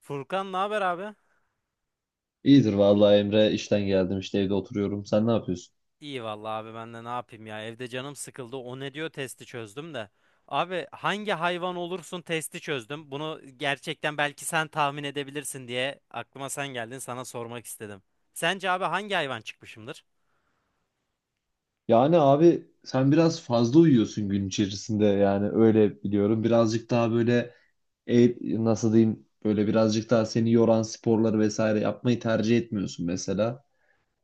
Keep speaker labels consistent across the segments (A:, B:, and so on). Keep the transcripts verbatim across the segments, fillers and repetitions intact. A: Furkan ne haber abi?
B: İyidir vallahi Emre. İşten geldim işte, evde oturuyorum. Sen ne yapıyorsun?
A: İyi vallahi abi ben de ne yapayım ya, evde canım sıkıldı, o ne diyor, testi çözdüm de. Abi hangi hayvan olursun testi çözdüm. Bunu gerçekten belki sen tahmin edebilirsin diye aklıma sen geldin, sana sormak istedim. Sence abi hangi hayvan çıkmışımdır?
B: Yani abi sen biraz fazla uyuyorsun gün içerisinde, yani öyle biliyorum. Birazcık daha böyle e, nasıl diyeyim, böyle birazcık daha seni yoran sporları vesaire yapmayı tercih etmiyorsun mesela.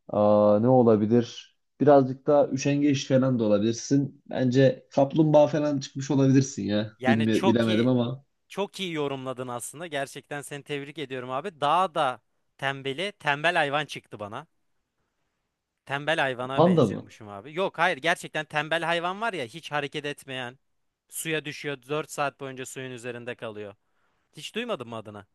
B: Aa, ne olabilir? Birazcık daha üşengeç falan da olabilirsin. Bence kaplumbağa falan çıkmış olabilirsin ya.
A: Yani
B: Bilme,
A: çok
B: bilemedim
A: iyi
B: ama
A: çok iyi yorumladın aslında. Gerçekten seni tebrik ediyorum abi. Daha da tembeli, tembel hayvan çıktı bana. Tembel hayvana
B: panda mı?
A: benziyormuşum abi. Yok hayır, gerçekten tembel hayvan var ya, hiç hareket etmeyen. Suya düşüyor, dört saat boyunca suyun üzerinde kalıyor. Hiç duymadın mı adını?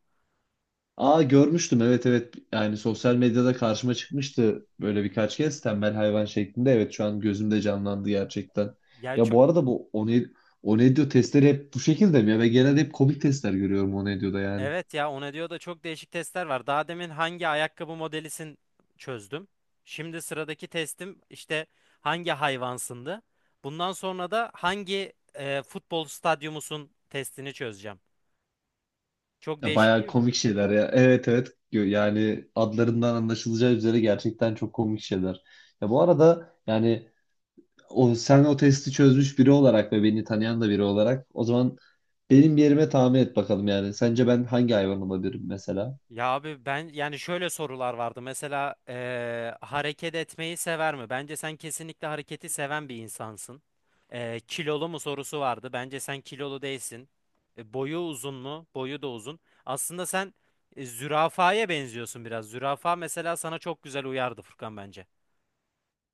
B: Aa, görmüştüm, evet evet, yani sosyal medyada karşıma çıkmıştı böyle birkaç kez tembel hayvan şeklinde. Evet, şu an gözümde canlandı gerçekten.
A: Ya
B: Ya
A: çok
B: bu arada bu One- Onedio testleri hep bu şekilde mi ya? Ve genelde hep komik testler görüyorum Onedio'da yani.
A: evet ya, ona diyor da çok değişik testler var. Daha demin hangi ayakkabı modelisin çözdüm. Şimdi sıradaki testim işte hangi hayvansındı. Bundan sonra da hangi e, futbol stadyumusun testini çözeceğim. Çok
B: Ya
A: değişik
B: bayağı
A: değil mi?
B: komik şeyler ya, evet evet. Gö- yani adlarından anlaşılacağı üzere gerçekten çok komik şeyler. Ya bu arada yani o, sen o testi çözmüş biri olarak ve beni tanıyan da biri olarak, o zaman benim yerime tahmin et bakalım. Yani sence ben hangi hayvan olabilirim mesela?
A: Ya abi ben yani şöyle sorular vardı. Mesela eee, hareket etmeyi sever mi? Bence sen kesinlikle hareketi seven bir insansın. Eee, kilolu mu sorusu vardı. Bence sen kilolu değilsin. E, boyu uzun mu? Boyu da uzun. Aslında sen e, zürafaya benziyorsun biraz. Zürafa mesela sana çok güzel uyardı Furkan bence.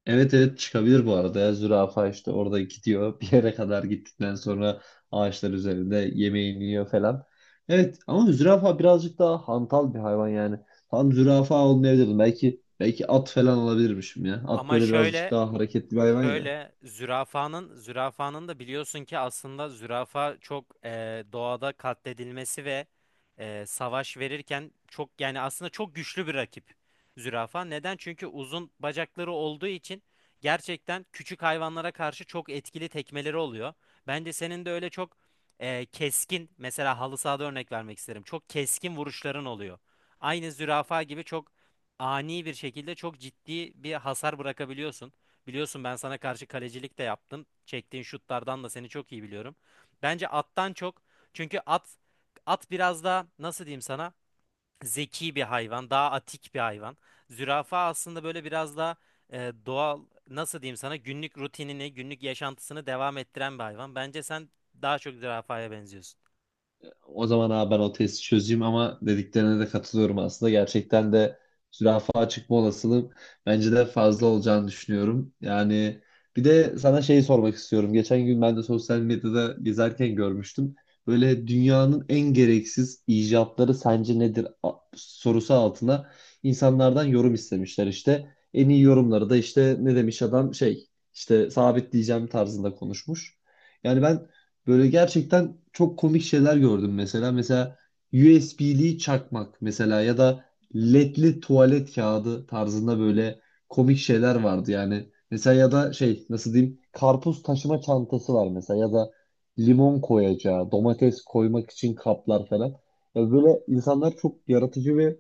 B: Evet evet, çıkabilir bu arada ya. Zürafa işte orada gidiyor. Bir yere kadar gittikten sonra ağaçlar üzerinde yemeğini yiyor falan. Evet ama zürafa birazcık daha hantal bir hayvan yani. Tam zürafa olmayabilirdim. Belki belki at falan olabilirmişim ya. At
A: Ama
B: böyle birazcık
A: şöyle,
B: daha hareketli bir hayvan ya.
A: şöyle zürafanın zürafanın da biliyorsun ki aslında zürafa çok e, doğada katledilmesi ve e, savaş verirken çok, yani aslında çok güçlü bir rakip zürafa. Neden? Çünkü uzun bacakları olduğu için gerçekten küçük hayvanlara karşı çok etkili tekmeleri oluyor. Bence senin de öyle çok e, keskin, mesela halı sahada örnek vermek isterim. Çok keskin vuruşların oluyor. Aynı zürafa gibi çok ani bir şekilde çok ciddi bir hasar bırakabiliyorsun. Biliyorsun ben sana karşı kalecilik de yaptım. Çektiğin şutlardan da seni çok iyi biliyorum. Bence attan çok. Çünkü at at biraz daha, nasıl diyeyim sana, zeki bir hayvan, daha atik bir hayvan. Zürafa aslında böyle biraz daha e, doğal, nasıl diyeyim sana, günlük rutinini, günlük yaşantısını devam ettiren bir hayvan. Bence sen daha çok zürafaya benziyorsun.
B: O zaman abi ben o testi çözeyim, ama dediklerine de katılıyorum aslında. Gerçekten de zürafa çıkma olasılığım bence de fazla olacağını düşünüyorum. Yani bir de sana şeyi sormak istiyorum. Geçen gün ben de sosyal medyada gezerken görmüştüm. Böyle dünyanın en gereksiz icatları sence nedir A- sorusu altına insanlardan yorum istemişler işte. En iyi yorumları da, işte ne demiş adam, şey işte sabitleyeceğim tarzında konuşmuş. Yani ben böyle gerçekten çok komik şeyler gördüm mesela. Mesela U S B'li çakmak, mesela ya da L E D'li tuvalet kağıdı tarzında böyle komik şeyler vardı yani. Mesela ya da şey, nasıl diyeyim, karpuz taşıma çantası var mesela, ya da limon koyacağı, domates koymak için kaplar falan. Ya böyle insanlar çok yaratıcı ve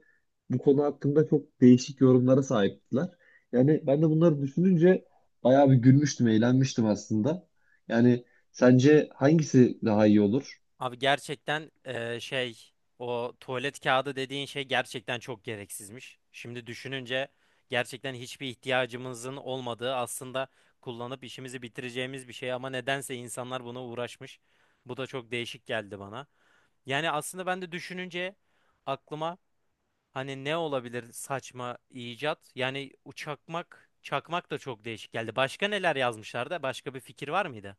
B: bu konu hakkında çok değişik yorumlara sahiptiler. Yani ben de bunları düşününce bayağı bir gülmüştüm, eğlenmiştim aslında. Yani sence hangisi daha iyi olur?
A: Abi gerçekten eee, şey o tuvalet kağıdı dediğin şey gerçekten çok gereksizmiş. Şimdi düşününce gerçekten hiçbir ihtiyacımızın olmadığı, aslında kullanıp işimizi bitireceğimiz bir şey, ama nedense insanlar buna uğraşmış. Bu da çok değişik geldi bana. Yani aslında ben de düşününce aklıma hani ne olabilir saçma icat? Yani uçakmak, çakmak da çok değişik geldi. Başka neler yazmışlar, da başka bir fikir var mıydı?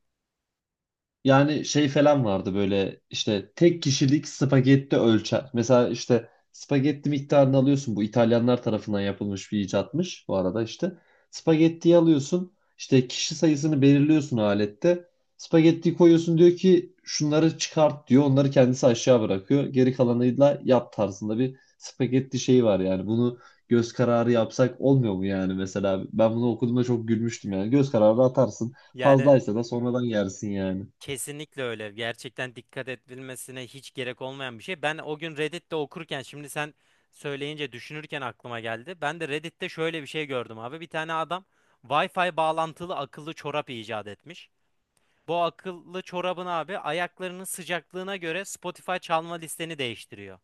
B: Yani şey falan vardı, böyle işte tek kişilik spagetti ölçer. Mesela işte spagetti miktarını alıyorsun. Bu İtalyanlar tarafından yapılmış bir icatmış bu arada işte. Spagettiyi alıyorsun, işte kişi sayısını belirliyorsun alette. Spagettiyi koyuyorsun, diyor ki şunları çıkart diyor. Onları kendisi aşağı bırakıyor. Geri kalanıyla yap tarzında bir spagetti şeyi var yani. Bunu göz kararı yapsak olmuyor mu yani mesela? Ben bunu okuduğumda çok gülmüştüm yani. Göz kararı atarsın.
A: Yani
B: Fazlaysa da sonradan yersin yani.
A: kesinlikle öyle. Gerçekten dikkat edilmesine hiç gerek olmayan bir şey. Ben o gün Reddit'te okurken, şimdi sen söyleyince düşünürken aklıma geldi. Ben de Reddit'te şöyle bir şey gördüm abi. Bir tane adam Wi-Fi bağlantılı akıllı çorap icat etmiş. Bu akıllı çorabın abi ayaklarının sıcaklığına göre Spotify çalma listeni değiştiriyor.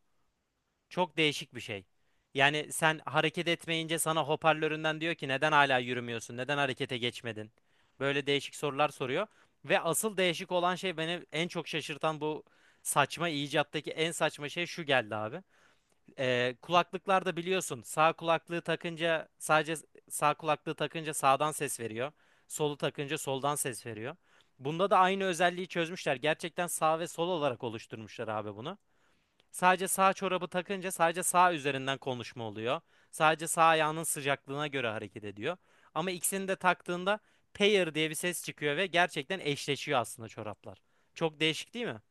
A: Çok değişik bir şey. Yani sen hareket etmeyince sana hoparlöründen diyor ki, neden hala yürümüyorsun? Neden harekete geçmedin? Böyle değişik sorular soruyor. Ve asıl değişik olan şey, beni en çok şaşırtan, bu saçma icattaki en saçma şey şu geldi abi. Ee, kulaklıklarda biliyorsun, sağ kulaklığı takınca sadece sağ kulaklığı takınca sağdan ses veriyor. Solu takınca soldan ses veriyor. Bunda da aynı özelliği çözmüşler. Gerçekten sağ ve sol olarak oluşturmuşlar abi bunu. Sadece sağ çorabı takınca sadece sağ üzerinden konuşma oluyor. Sadece sağ ayağının sıcaklığına göre hareket ediyor. Ama ikisini de taktığında pair diye bir ses çıkıyor ve gerçekten eşleşiyor aslında çoraplar. Çok değişik değil mi?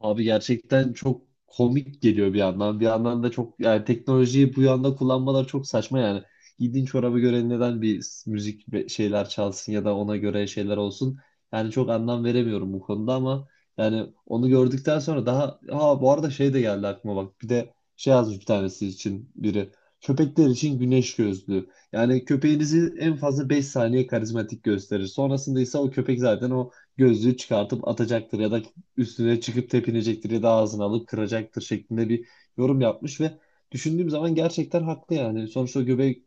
B: Abi gerçekten çok komik geliyor bir yandan. Bir yandan da çok, yani teknolojiyi bu yanda kullanmalar çok saçma yani. Giydiğin çorabı göre neden bir s- müzik ve- şeyler çalsın ya da ona göre şeyler olsun? Yani çok anlam veremiyorum bu konuda ama yani onu gördükten sonra daha, ha bu arada şey de geldi aklıma bak. Bir de şey yazmış bir tanesi için biri. Köpekler için güneş gözlüğü. Yani köpeğinizi en fazla beş saniye karizmatik gösterir. Sonrasında ise o köpek zaten o gözlüğü çıkartıp atacaktır ya da üstüne çıkıp tepinecektir ya da ağzını alıp kıracaktır şeklinde bir yorum yapmış. Ve düşündüğüm zaman gerçekten haklı yani. Sonuçta göbek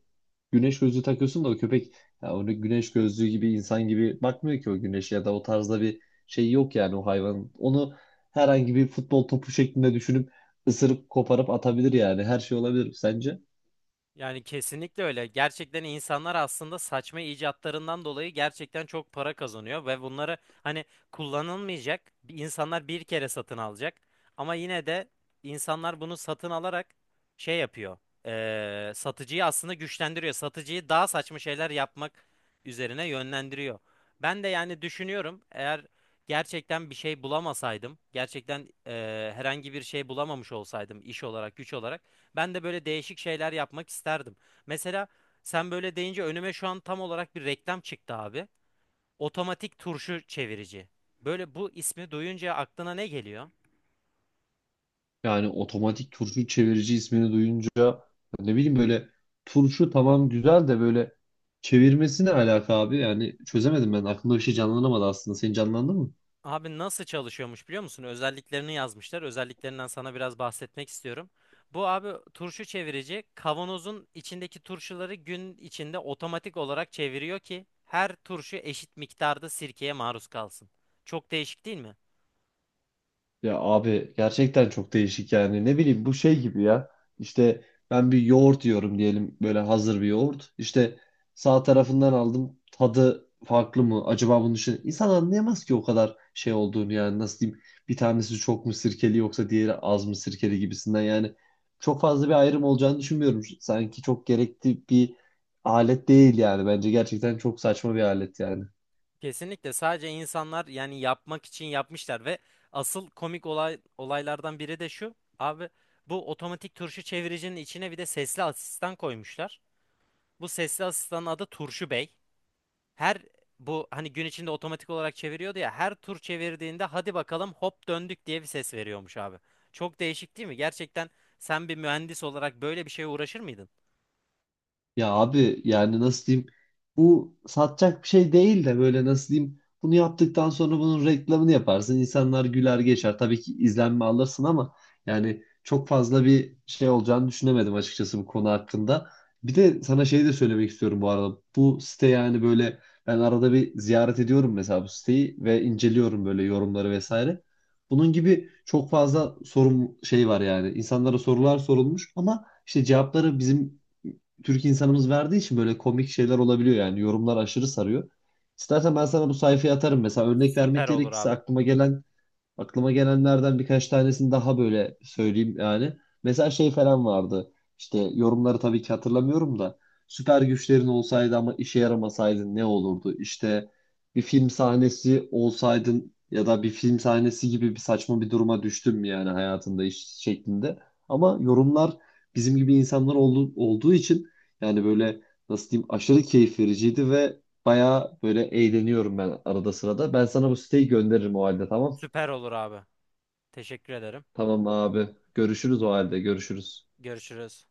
B: güneş gözlüğü takıyorsun da, o köpek ya onu güneş gözlüğü gibi insan gibi bakmıyor ki o güneşe, ya da o tarzda bir şey yok yani o hayvan. Onu herhangi bir futbol topu şeklinde düşünüp ısırıp koparıp atabilir yani. Her şey olabilir sence?
A: Yani kesinlikle öyle. Gerçekten insanlar aslında saçma icatlarından dolayı gerçekten çok para kazanıyor ve bunları, hani, kullanılmayacak bir- insanlar bir kere satın alacak. Ama yine de insanlar bunu satın alarak şey yapıyor. Eee, satıcıyı aslında güçlendiriyor. Satıcıyı daha saçma şeyler yapmak üzerine yönlendiriyor. Ben de yani düşünüyorum, eğer gerçekten bir şey bulamasaydım, gerçekten eee, herhangi bir şey bulamamış olsaydım iş olarak, güç olarak, ben de böyle değişik şeyler yapmak isterdim. Mesela sen böyle deyince önüme şu an tam olarak bir reklam çıktı abi. Otomatik turşu çevirici. Böyle bu ismi duyunca aklına ne geliyor?
B: Yani otomatik turşu çevirici ismini duyunca, ne bileyim böyle, turşu tamam güzel de böyle çevirmesi ne alaka abi? Yani çözemedim ben. Aklımda bir şey canlanamadı aslında. Senin canlandı mı?
A: Abi nasıl çalışıyormuş biliyor musun? Özelliklerini yazmışlar. Özelliklerinden sana biraz bahsetmek istiyorum. Bu abi turşu çevirici kavanozun içindeki turşuları gün içinde otomatik olarak çeviriyor ki her turşu eşit miktarda sirkeye maruz kalsın. Çok değişik değil mi?
B: Ya abi gerçekten çok değişik yani. Ne bileyim, bu şey gibi ya, işte ben bir yoğurt yiyorum diyelim, böyle hazır bir yoğurt işte, sağ tarafından aldım tadı farklı mı acaba, bunun için insan anlayamaz ki o kadar şey olduğunu. Yani nasıl diyeyim, bir tanesi çok mu sirkeli yoksa diğeri az mı sirkeli gibisinden yani, çok fazla bir ayrım olacağını düşünmüyorum. Sanki çok gerekli bir alet değil yani, bence gerçekten çok saçma bir alet yani.
A: Kesinlikle, sadece insanlar yani yapmak için yapmışlar ve asıl komik olay, olaylardan biri de şu. Abi bu otomatik turşu çeviricinin içine bir de sesli asistan koymuşlar. Bu sesli asistanın adı Turşu Bey. Her, bu hani gün içinde otomatik olarak çeviriyordu ya, her tur çevirdiğinde hadi bakalım hop döndük diye bir ses veriyormuş abi. Çok değişik değil mi? Gerçekten sen bir mühendis olarak böyle bir şeye uğraşır mıydın?
B: Ya abi yani nasıl diyeyim, bu satacak bir şey değil de, böyle nasıl diyeyim, bunu yaptıktan sonra bunun reklamını yaparsın, insanlar güler geçer, tabii ki izlenme alırsın ama yani çok fazla bir şey olacağını düşünemedim açıkçası bu konu hakkında. Bir de sana şey de söylemek istiyorum bu arada, bu site yani böyle, ben arada bir ziyaret ediyorum mesela bu siteyi ve inceliyorum böyle yorumları vesaire. Bunun gibi çok fazla sorun şey var yani, insanlara sorular sorulmuş ama işte cevapları bizim Türk insanımız verdiği için böyle komik şeyler olabiliyor yani, yorumlar aşırı sarıyor. İstersen ben sana bu sayfayı atarım. Mesela örnek
A: Süper
B: vermek
A: olur
B: gerekirse
A: abi.
B: aklıma gelen, Aklıma gelenlerden birkaç tanesini daha böyle söyleyeyim yani. Mesela şey falan vardı. İşte yorumları tabii ki hatırlamıyorum da. Süper güçlerin olsaydı ama işe yaramasaydın ne olurdu? İşte bir film sahnesi olsaydın ya da bir film sahnesi gibi bir saçma bir duruma düştün mü yani hayatında iş şeklinde. Ama yorumlar bizim gibi insanlar oldu, olduğu için yani böyle nasıl diyeyim, aşırı keyif vericiydi ve bayağı böyle eğleniyorum ben arada sırada. Ben sana bu siteyi gönderirim o halde, tamam mı?
A: Süper olur abi. Teşekkür ederim.
B: Tamam abi. Görüşürüz o halde. Görüşürüz.
A: Görüşürüz.